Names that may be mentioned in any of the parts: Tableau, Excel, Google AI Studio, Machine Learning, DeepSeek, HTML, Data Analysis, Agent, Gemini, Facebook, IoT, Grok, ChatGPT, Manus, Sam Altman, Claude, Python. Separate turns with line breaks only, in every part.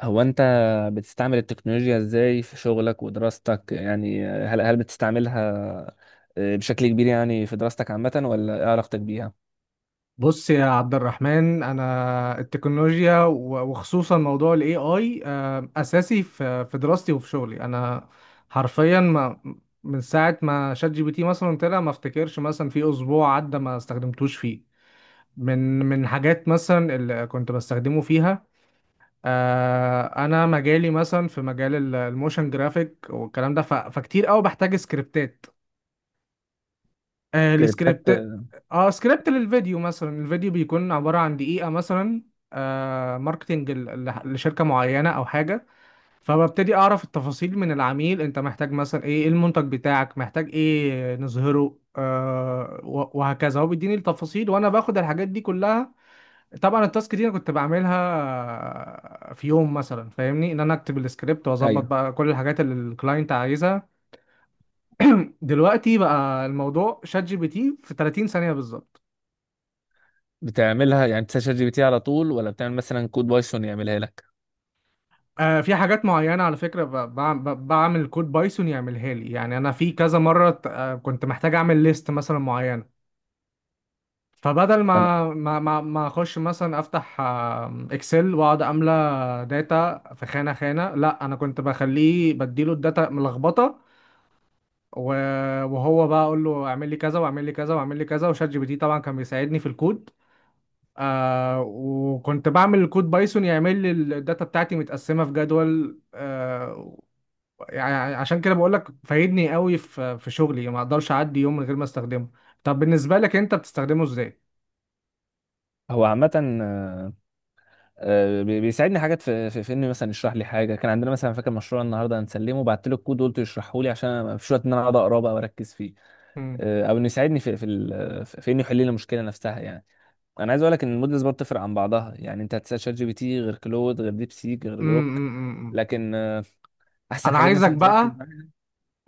هو انت بتستعمل التكنولوجيا ازاي في شغلك ودراستك؟ يعني هل بتستعملها؟ بشكل كبير يعني في دراستك عامة ولا ايه علاقتك بيها؟
بص يا عبد الرحمن، انا التكنولوجيا وخصوصا موضوع الاي اي اساسي في دراستي وفي شغلي. انا حرفيا، ما من ساعه ما شات جي بي تي مثلا طلع ما افتكرش مثلا في اسبوع عدى ما استخدمتوش فيه من حاجات مثلا اللي كنت بستخدمه فيها. انا مجالي مثلا في مجال الموشن جرافيك والكلام ده، فكتير قوي بحتاج سكريبتات. آه
سكريبتات
السكريبت اه سكريبت للفيديو مثلا. الفيديو بيكون عبارة عن دقيقة مثلا، ماركتينج لشركة معينة او حاجة. فببتدي اعرف التفاصيل من العميل: انت محتاج مثلا إيه المنتج بتاعك؟ محتاج ايه نظهره؟ وهكذا. هو بيديني التفاصيل وانا باخد الحاجات دي كلها. طبعا التاسك دي انا كنت بعملها، في يوم مثلا، فاهمني؟ ان انا اكتب السكريبت واظبط
ايوه.
بقى كل الحاجات اللي الكلاينت عايزها. دلوقتي بقى، الموضوع شات جي بي تي في 30 ثانية بالظبط.
بتعملها يعني؟ بتسأل شات جي بي تي على طول ولا بتعمل مثلا كود بايثون يعملها لك؟
في حاجات معينة على فكرة، بعمل كود بايثون يعملها لي. يعني أنا في كذا مرة كنت محتاج أعمل ليست مثلا معينة. فبدل
انا
ما أخش مثلا أفتح إكسل وأقعد أملى داتا في خانة خانة، لا، أنا كنت بخليه بديله الداتا ملخبطة. وهو بقى أقول له أعمل لي كذا وأعمل لي كذا وأعمل لي كذا، وشات جي بي تي طبعا كان بيساعدني في الكود. وكنت بعمل الكود بايثون يعمل لي الداتا بتاعتي متقسمة في جدول. يعني عشان كده بقول لك فايدني قوي في شغلي، ما اقدرش اعدي يوم من غير ما استخدمه. طب بالنسبة لك انت بتستخدمه ازاي؟
هو عامة آه، بيساعدني حاجات في انه مثلا يشرح لي حاجة. كان عندنا مثلا، فاكر مشروع النهارده هنسلمه، بعت له الكود وقلت يشرحه لي عشان أنا ما فيش وقت ان انا اقعد اقراه بقى واركز فيه.
مم.
او انه يساعدني في انه يحل لي المشكلة نفسها يعني. انا عايز اقول لك ان المودلز برضه بتفرق عن بعضها، يعني انت هتسال شات جي بي تي غير كلود غير ديب سيك غير جروك.
أمم.
لكن احسن
انا
حاجات
عايزك
مثلا تركز
بقى
معاها.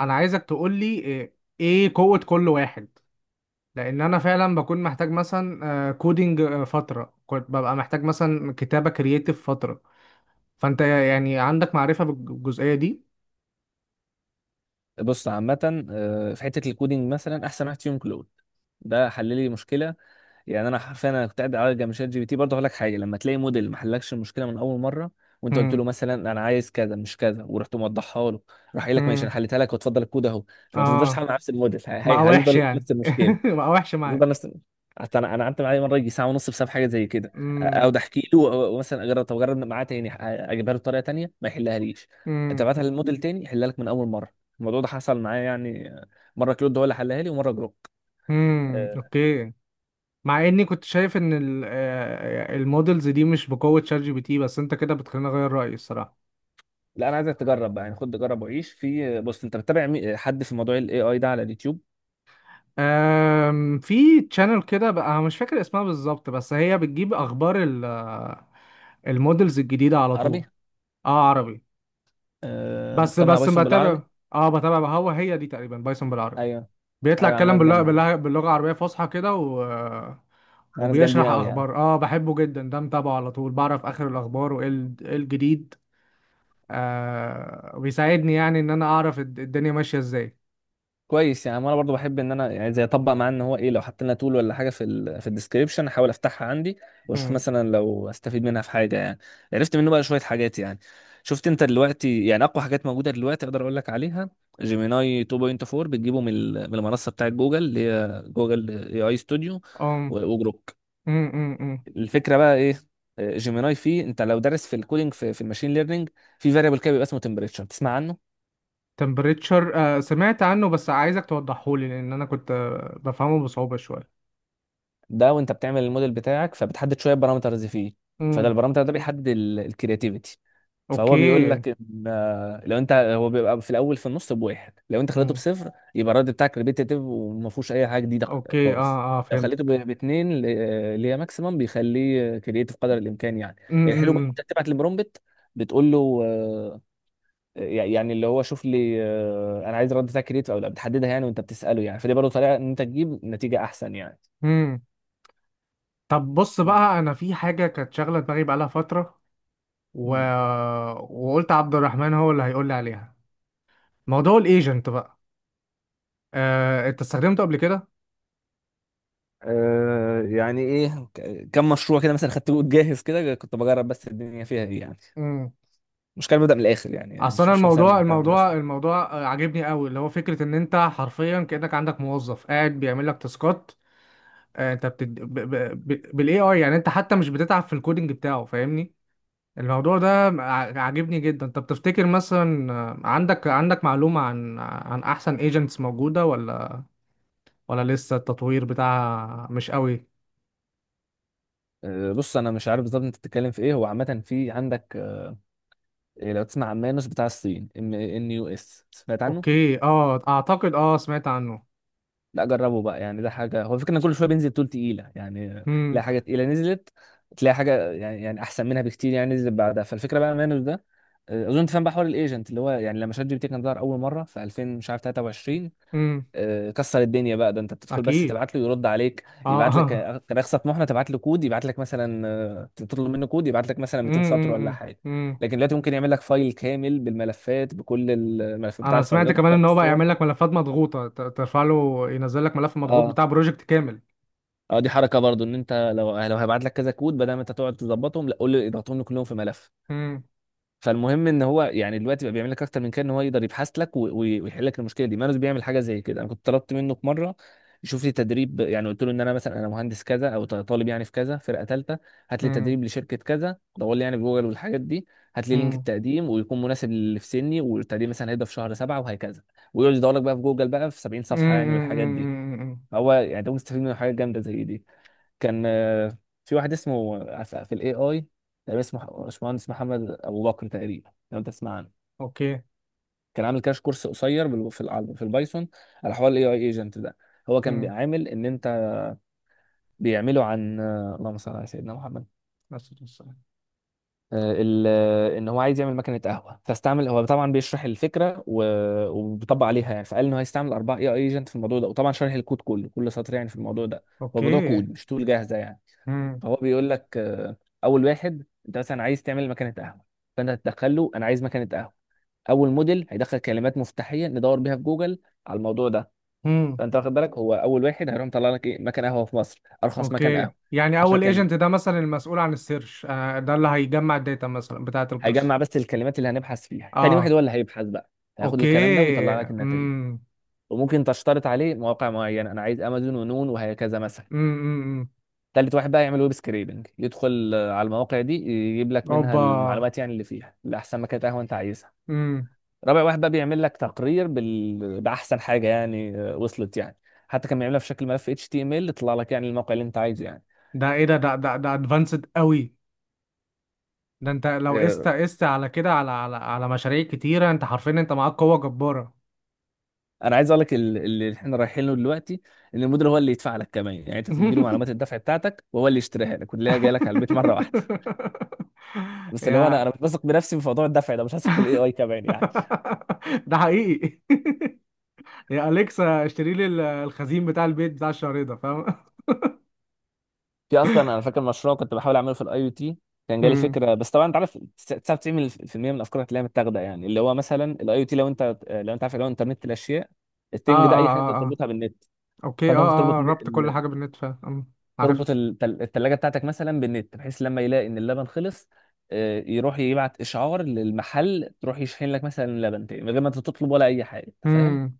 انا عايزك تقول لي إيه قوة كل واحد. لان انا فعلا بكون محتاج مثلا كودينج، فترة كنت ببقى محتاج مثلا كتابة كرييتيف فترة. فانت يعني عندك معرفة بالجزئية دي؟
بص عامه، في حته الكودينج مثلا احسن واحد فيهم كلود، ده حل لي مشكله يعني. انا حرفيا كنت قاعد على جنب. شات جي بي تي برضه هقول لك حاجه، لما تلاقي موديل ما حلكش المشكله من اول مره، وانت قلت له مثلا انا عايز كذا مش كذا ورحت موضحها له، راح قايل لك ماشي انا
مم.
حليتها لك وتفضل الكود اهو، فما تفضلش
اه،
تحل مع نفس الموديل.
مع وحش
هيفضل
يعني.
نفس المشكله،
مع وحش معايا.
بتفضل نفس. حتى انا، قعدت معايا مره يجي ساعه ونص بسبب حاجه زي كده،
امم.
اقعد احكي له، مثلا اجرب، طب اجرب معاه تاني، اجيبها له بطريقه تانيه ما يحلها ليش.
امم.
تبعتها للموديل تاني يحلها لك من اول مره. الموضوع ده حصل معايا يعني، مره كلود هو اللي حلها لي ومره جروك.
امم.
أه،
اوكي. مع اني كنت شايف ان المودلز دي مش بقوة شات جي بي تي، بس انت كده بتخليني اغير رأيي الصراحة.
لا انا عايزك تجرب بقى يعني، خد جرب وعيش في. بص، انت بتتابع حد في موضوع الاي اي ده على اليوتيوب؟
في تشانل كده بقى، أنا مش فاكر اسمها بالظبط، بس هي بتجيب اخبار المودلز الجديدة على طول.
عربي،
اه، عربي. بس
مجتمع
بس
بايثون
بتابع.
بالعربي.
اه، بتابع بقى. هو هي دي تقريبا بايثون بالعربي.
ايوه،
بيطلع
ايوه عم.
يتكلم
ناس
باللغة
جامدين،
باللغة باللغة العربية فصحى كده.
ناس جامدين
وبيشرح
قوي يعني.
اخبار، بحبه جدا ده، متابعه على طول، بعرف اخر الاخبار وايه إيه الجديد. وبيساعدني يعني ان انا اعرف الدنيا ماشيه ازاي.
كويس يعني. انا برضو بحب ان انا يعني زي اطبق معاه، ان هو ايه لو حط لنا تول ولا حاجه في في الديسكربشن، احاول افتحها عندي واشوف
امم.
مثلا لو استفيد منها في حاجه يعني. عرفت منه بقى شويه حاجات يعني. شفت انت دلوقتي يعني اقوى حاجات موجوده دلوقتي اقدر اقول لك عليها؟ جيميناي 2.4، بتجيبه من من المنصه بتاعت جوجل اللي هي جوجل اي اي ستوديو،
ام.
وجروك.
امم.
الفكره بقى ايه؟ جيميناي فيه انت لو دارس في الكودينج في الماشين ليرنينج، في فاريبل كده بيبقى اسمه تمبريتشر، تسمع عنه.
تمبريتشر، سمعت عنه، بس عايزك توضحه لي. لان انا كنت بفهمه بصعوبه شويه.
ده وانت بتعمل الموديل بتاعك فبتحدد شويه بارامترز فيه، فده
امم.
البارامتر ده بيحدد الكرياتيفيتي. فهو بيقول
اوكي.
لك ان لو انت، هو بيبقى في الاول في النص بواحد، لو انت خليته
امم.
بصفر يبقى الرد بتاعك ريبيتيتيف وما فيهوش اي حاجه جديده
اوكي.
خالص.
اه، اه،
لو خليته
فهمتك.
باثنين، اللي هي ماكسيمم، بيخليه كرياتيف قدر الامكان يعني. الحلو بقى
امم.
انت بتبعت البرومبت، بتقول له يعني اللي هو شوف لي، انا عايز الرد بتاعك كرياتيف او لا، بتحددها يعني وانت بتساله يعني، فدي برضه طريقه ان انت تجيب نتيجه احسن يعني.
امم. طب بص
كان-
بقى، انا في حاجه كانت شاغله دماغي بقالها فتره و...
مم.
وقلت عبد الرحمن هو اللي هيقول لي عليها. موضوع الايجنت بقى. انت استخدمته قبل كده؟
يعني ايه. كم مشروع كده مثلا خدته جاهز كده، كنت بجرب بس الدنيا فيها ايه يعني.
امم.
مش كان ببدأ من الاخر يعني،
اصل
مش
انا،
مش مثلا
الموضوع
من بتاع المدرسه.
الموضوع الموضوع عاجبني قوي، اللي هو فكره ان انت حرفيا كانك عندك موظف قاعد بيعمل لك تاسكات. انت بتد... ب... ب... ب... بالاي اي، يعني انت حتى مش بتتعب في الكودينج بتاعه، فاهمني؟ الموضوع ده عاجبني جدا. طب تفتكر مثلا، عندك معلومه عن احسن ايجنتس موجوده، ولا لسه التطوير بتاعها مش قوي؟
آه بص، انا مش عارف بالظبط انت بتتكلم في ايه. هو عامه في عندك، لو تسمع عن مانوس بتاع الصين، ام ان يو اس، سمعت عنه؟
اوكي، اعتقد سمعت عنه.
لا جربه بقى يعني، ده حاجه. هو الفكره ان كل شويه بينزل تول تقيله يعني،
امم.
تلاقي حاجه تقيله نزلت، تلاقي حاجه يعني يعني احسن منها بكتير يعني نزلت بعدها. فالفكره بقى مانوس ده، اظن تفهم بقى حوار الايجنت اللي هو يعني، لما شات جي بي تي كان ظهر اول مره في 2000 مش عارف 23،
امم.
كسر الدنيا بقى. ده انت بتدخل بس
اكيد.
تبعت له يرد عليك، يبعت لك
اه.
كنخسة طموحنا، تبعت له كود يبعت لك مثلا، تطلب منه كود يبعت لك مثلا 200 سطر
امم.
ولا حاجه.
امم.
لكن دلوقتي ممكن يعمل لك فايل كامل بالملفات، بكل الملفات بتاع
انا سمعت
الفايلات،
كمان
ويحط لك
ان هو بقى
الصور.
يعمل لك ملفات مضغوطه، ترفع له ينزل لك ملف مضغوط
اه،
بتاع بروجكت كامل.
اه دي حركه برضو، ان انت لو لو هيبعت لك كذا كود، بدل ما انت تقعد تظبطهم لا قول له اضغطهم لي كلهم في ملف.
امم.
فالمهم ان هو يعني دلوقتي بقى بيعمل لك اكتر من كده، ان هو يقدر يبحث لك ويحل لك المشكله دي. مانوس بيعمل حاجه زي كده. انا كنت طلبت منه في مره يشوف لي تدريب يعني، قلت له ان انا مثلا، انا مهندس كذا او طالب يعني في كذا فرقه ثالثه، هات لي
امم.
تدريب لشركه كذا، دور لي يعني في جوجل والحاجات دي، هات لي لينك
امم.
التقديم ويكون مناسب للي في سني، والتقديم مثلا هيبدا في شهر سبعه وهكذا، ويقعد يدور لك بقى في جوجل بقى في 70 صفحه يعني والحاجات دي.
امم.
هو يعني ده مستفيد من حاجه جامده زي دي. كان في واحد اسمه في الاي اي، تقريبا اسمه باشمهندس محمد ابو بكر تقريبا، لو انت تسمع عنه.
اوكي.
كان عامل كاش كورس قصير في البايثون على حوار الاي اي ايجنت ده. هو كان
امم.
بيعامل ان انت بيعمله عن، اللهم صل على سيدنا محمد،
بس بس-
ان هو عايز يعمل مكنه قهوه. فاستعمل هو طبعا بيشرح الفكره وبيطبق عليها يعني، فقال انه هيستعمل اربعه اي اي ايجنت في الموضوع ده، وطبعا شرح الكود كله كل سطر يعني في الموضوع ده. هو الموضوع
اوكي.
كود مش تول جاهزه يعني.
امم.
هو بيقول لك اول واحد، انت مثلا عايز تعمل مكنه قهوه، فانت هتدخل له انا عايز مكنه قهوه، اول موديل هيدخل كلمات مفتاحيه ندور بيها في جوجل على الموضوع ده.
امم.
فانت واخد بالك، هو اول واحد هيروح مطلع لك ايه مكان قهوه في مصر، ارخص مكان
اوكي،
قهوه،
يعني
10
اول
كلمات،
ايجنت ده مثلا المسؤول عن السيرش، ده اللي هيجمع الداتا مثلا بتاعه القصه.
هيجمع بس الكلمات اللي هنبحث فيها. تاني واحد
اه.
هو اللي هيبحث بقى، هياخد
اوكي.
الكلام ده ويطلع لك النتائج.
امم.
وممكن تشترط عليه مواقع معينه، انا عايز امازون ونون وهكذا مثلا.
امم.
تالت واحد بقى يعمل ويب سكريبنج، يدخل على المواقع دي يجيب لك منها
اوبا.
المعلومات يعني اللي فيها، لاحسن مكان قهوه انت عايزها.
امم.
رابع واحد بقى بيعمل لك تقرير باحسن حاجه يعني وصلت يعني. حتى كان بيعملها في شكل ملف اتش تي ام ال، تطلع لك يعني الموقع اللي انت عايزه يعني.
ده ايه؟ ده ادفانسد قوي. ده انت لو
آه،
قست على كده، على مشاريع كتيرة، انت حرفيا انت معاك قوة جبارة.
انا عايز اقول لك اللي احنا رايحين له دلوقتي، ان المدير هو اللي يدفع لك كمان يعني. انت تدي له معلومات الدفع بتاعتك وهو اللي يشتريها لك، واللي هي جايه لك على البيت مره واحده. بس اللي هو انا،
يا.
مش بثق بنفسي في موضوع الدفع ده، مش هثق في الاي اي كمان يعني.
ده حقيقي. يا أليكسا، اشتري لي الخزين بتاع البيت بتاع الشهر ده، فاهم؟
في اصلا انا فاكر مشروع كنت بحاول اعمله في الاي او تي، كان جالي
مم.
فكره بس طبعا انت عارف 99% من الافكار هتلاقيها متاخده يعني. اللي هو مثلا الاي او تي، لو انت عارف اللي هو انترنت الاشياء،
اه،
التنج ده،
اه،
اي حاجه انت
اه، اه،
تربطها بالنت.
اوكي. اه،
فانت ممكن تربط
اه، ربط كل حاجة بالنت، فاهم. عارف.
التلاجه بتاعتك مثلا بالنت، بحيث لما يلاقي ان اللبن خلص، يروح يبعت اشعار للمحل، تروح يشحن لك مثلا لبن تاني من غير ما انت تطلب ولا اي حاجه، انت فاهم.
مم.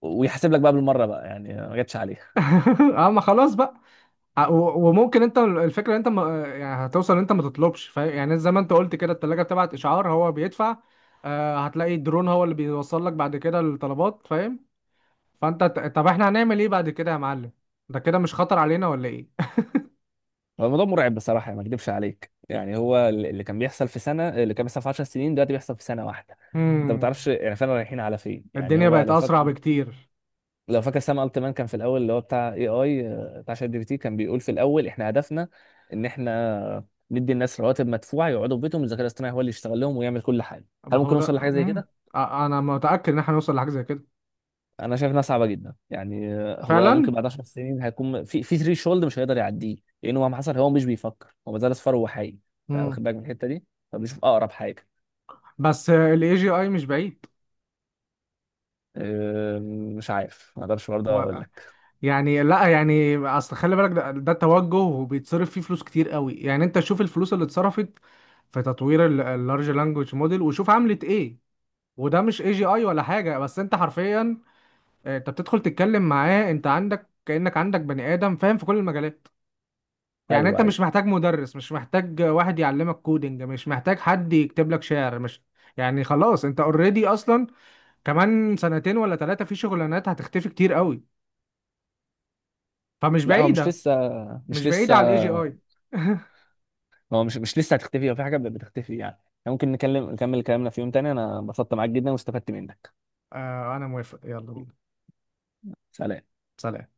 ويحاسب لك بقى بالمره بقى يعني ما جاتش عليه.
اه، ما خلاص بقى. وممكن انت، الفكره انت ما يعني، هتوصل انت ما تطلبش، فاهم؟ يعني زي ما انت قلت كده، التلاجة بتبعت اشعار، هو بيدفع. هتلاقي الدرون هو اللي بيوصل لك بعد كده الطلبات، فاهم؟ فانت طب احنا هنعمل ايه بعد كده يا معلم؟ ده كده مش خطر علينا ولا ايه؟
هو الموضوع مرعب بصراحة يعني، ما اكدبش عليك يعني. هو اللي كان بيحصل في سنة، اللي كان بيحصل في 10 سنين دلوقتي بيحصل في سنة واحدة. انت ما
امم.
تعرفش يعني فعلا رايحين على فين يعني.
الدنيا
هو
بقت
لو فاكر،
اسرع بكتير.
لو فاكر سام التمان كان في الاول اللي هو بتاع اي اي بتاع شات جي بي تي، كان بيقول في الاول احنا هدفنا ان احنا ندي الناس رواتب مدفوعة يقعدوا في بيتهم، الذكاء الاصطناعي هو اللي يشتغل لهم ويعمل كل حاجة.
ما
هل
هو
ممكن
ده.
نوصل لحاجة زي
امم.
كده؟
انا متاكد ان احنا هنوصل لحاجه زي كده.
انا شايف انها صعبه جدا يعني. هو
فعلا.
ممكن بعد 10 سنين هيكون في ثري شولد مش هيقدر يعديه، لانه مهما حصل هو مش بيفكر، هو ما زال اصفر وهو حي. انت
امم.
واخد بالك من الحته دي؟ فبيشوف اقرب حاجه.
بس الاي جي اي مش بعيد.
آه، مش عارف، ما اقدرش برضه اقول
هو
لك.
يعني، لا يعني، اصل خلي بالك، ده توجه وبيتصرف فيه فلوس كتير قوي. يعني انت شوف الفلوس اللي اتصرفت في تطوير اللارج لانجوج موديل وشوف عملت ايه. وده مش اي جي اي ولا حاجه، بس انت حرفيا، انت بتدخل تتكلم معاه، انت عندك كانك عندك بني ادم فاهم في كل المجالات. يعني انت
ايوه، ايوه.
مش محتاج مدرس، مش محتاج واحد يعلمك كودينج، مش محتاج حد يكتب لك شعر، مش يعني خلاص، انت اوريدي اصلا. كمان سنتين ولا ثلاثه، في شغلانات هتختفي كتير قوي. فمش
لا هو مش
بعيده،
لسه،
مش
مش
بعيد
لسه.
على الاي جي اي.
هو مش لسه هتختفي، هو في حاجه بتختفي يعني. ممكن نكلم نكمل كلامنا في يوم تاني، انا انبسطت معاك جدا واستفدت منك.
آه انا موافق، يلا بينا.
سلام.
سلام.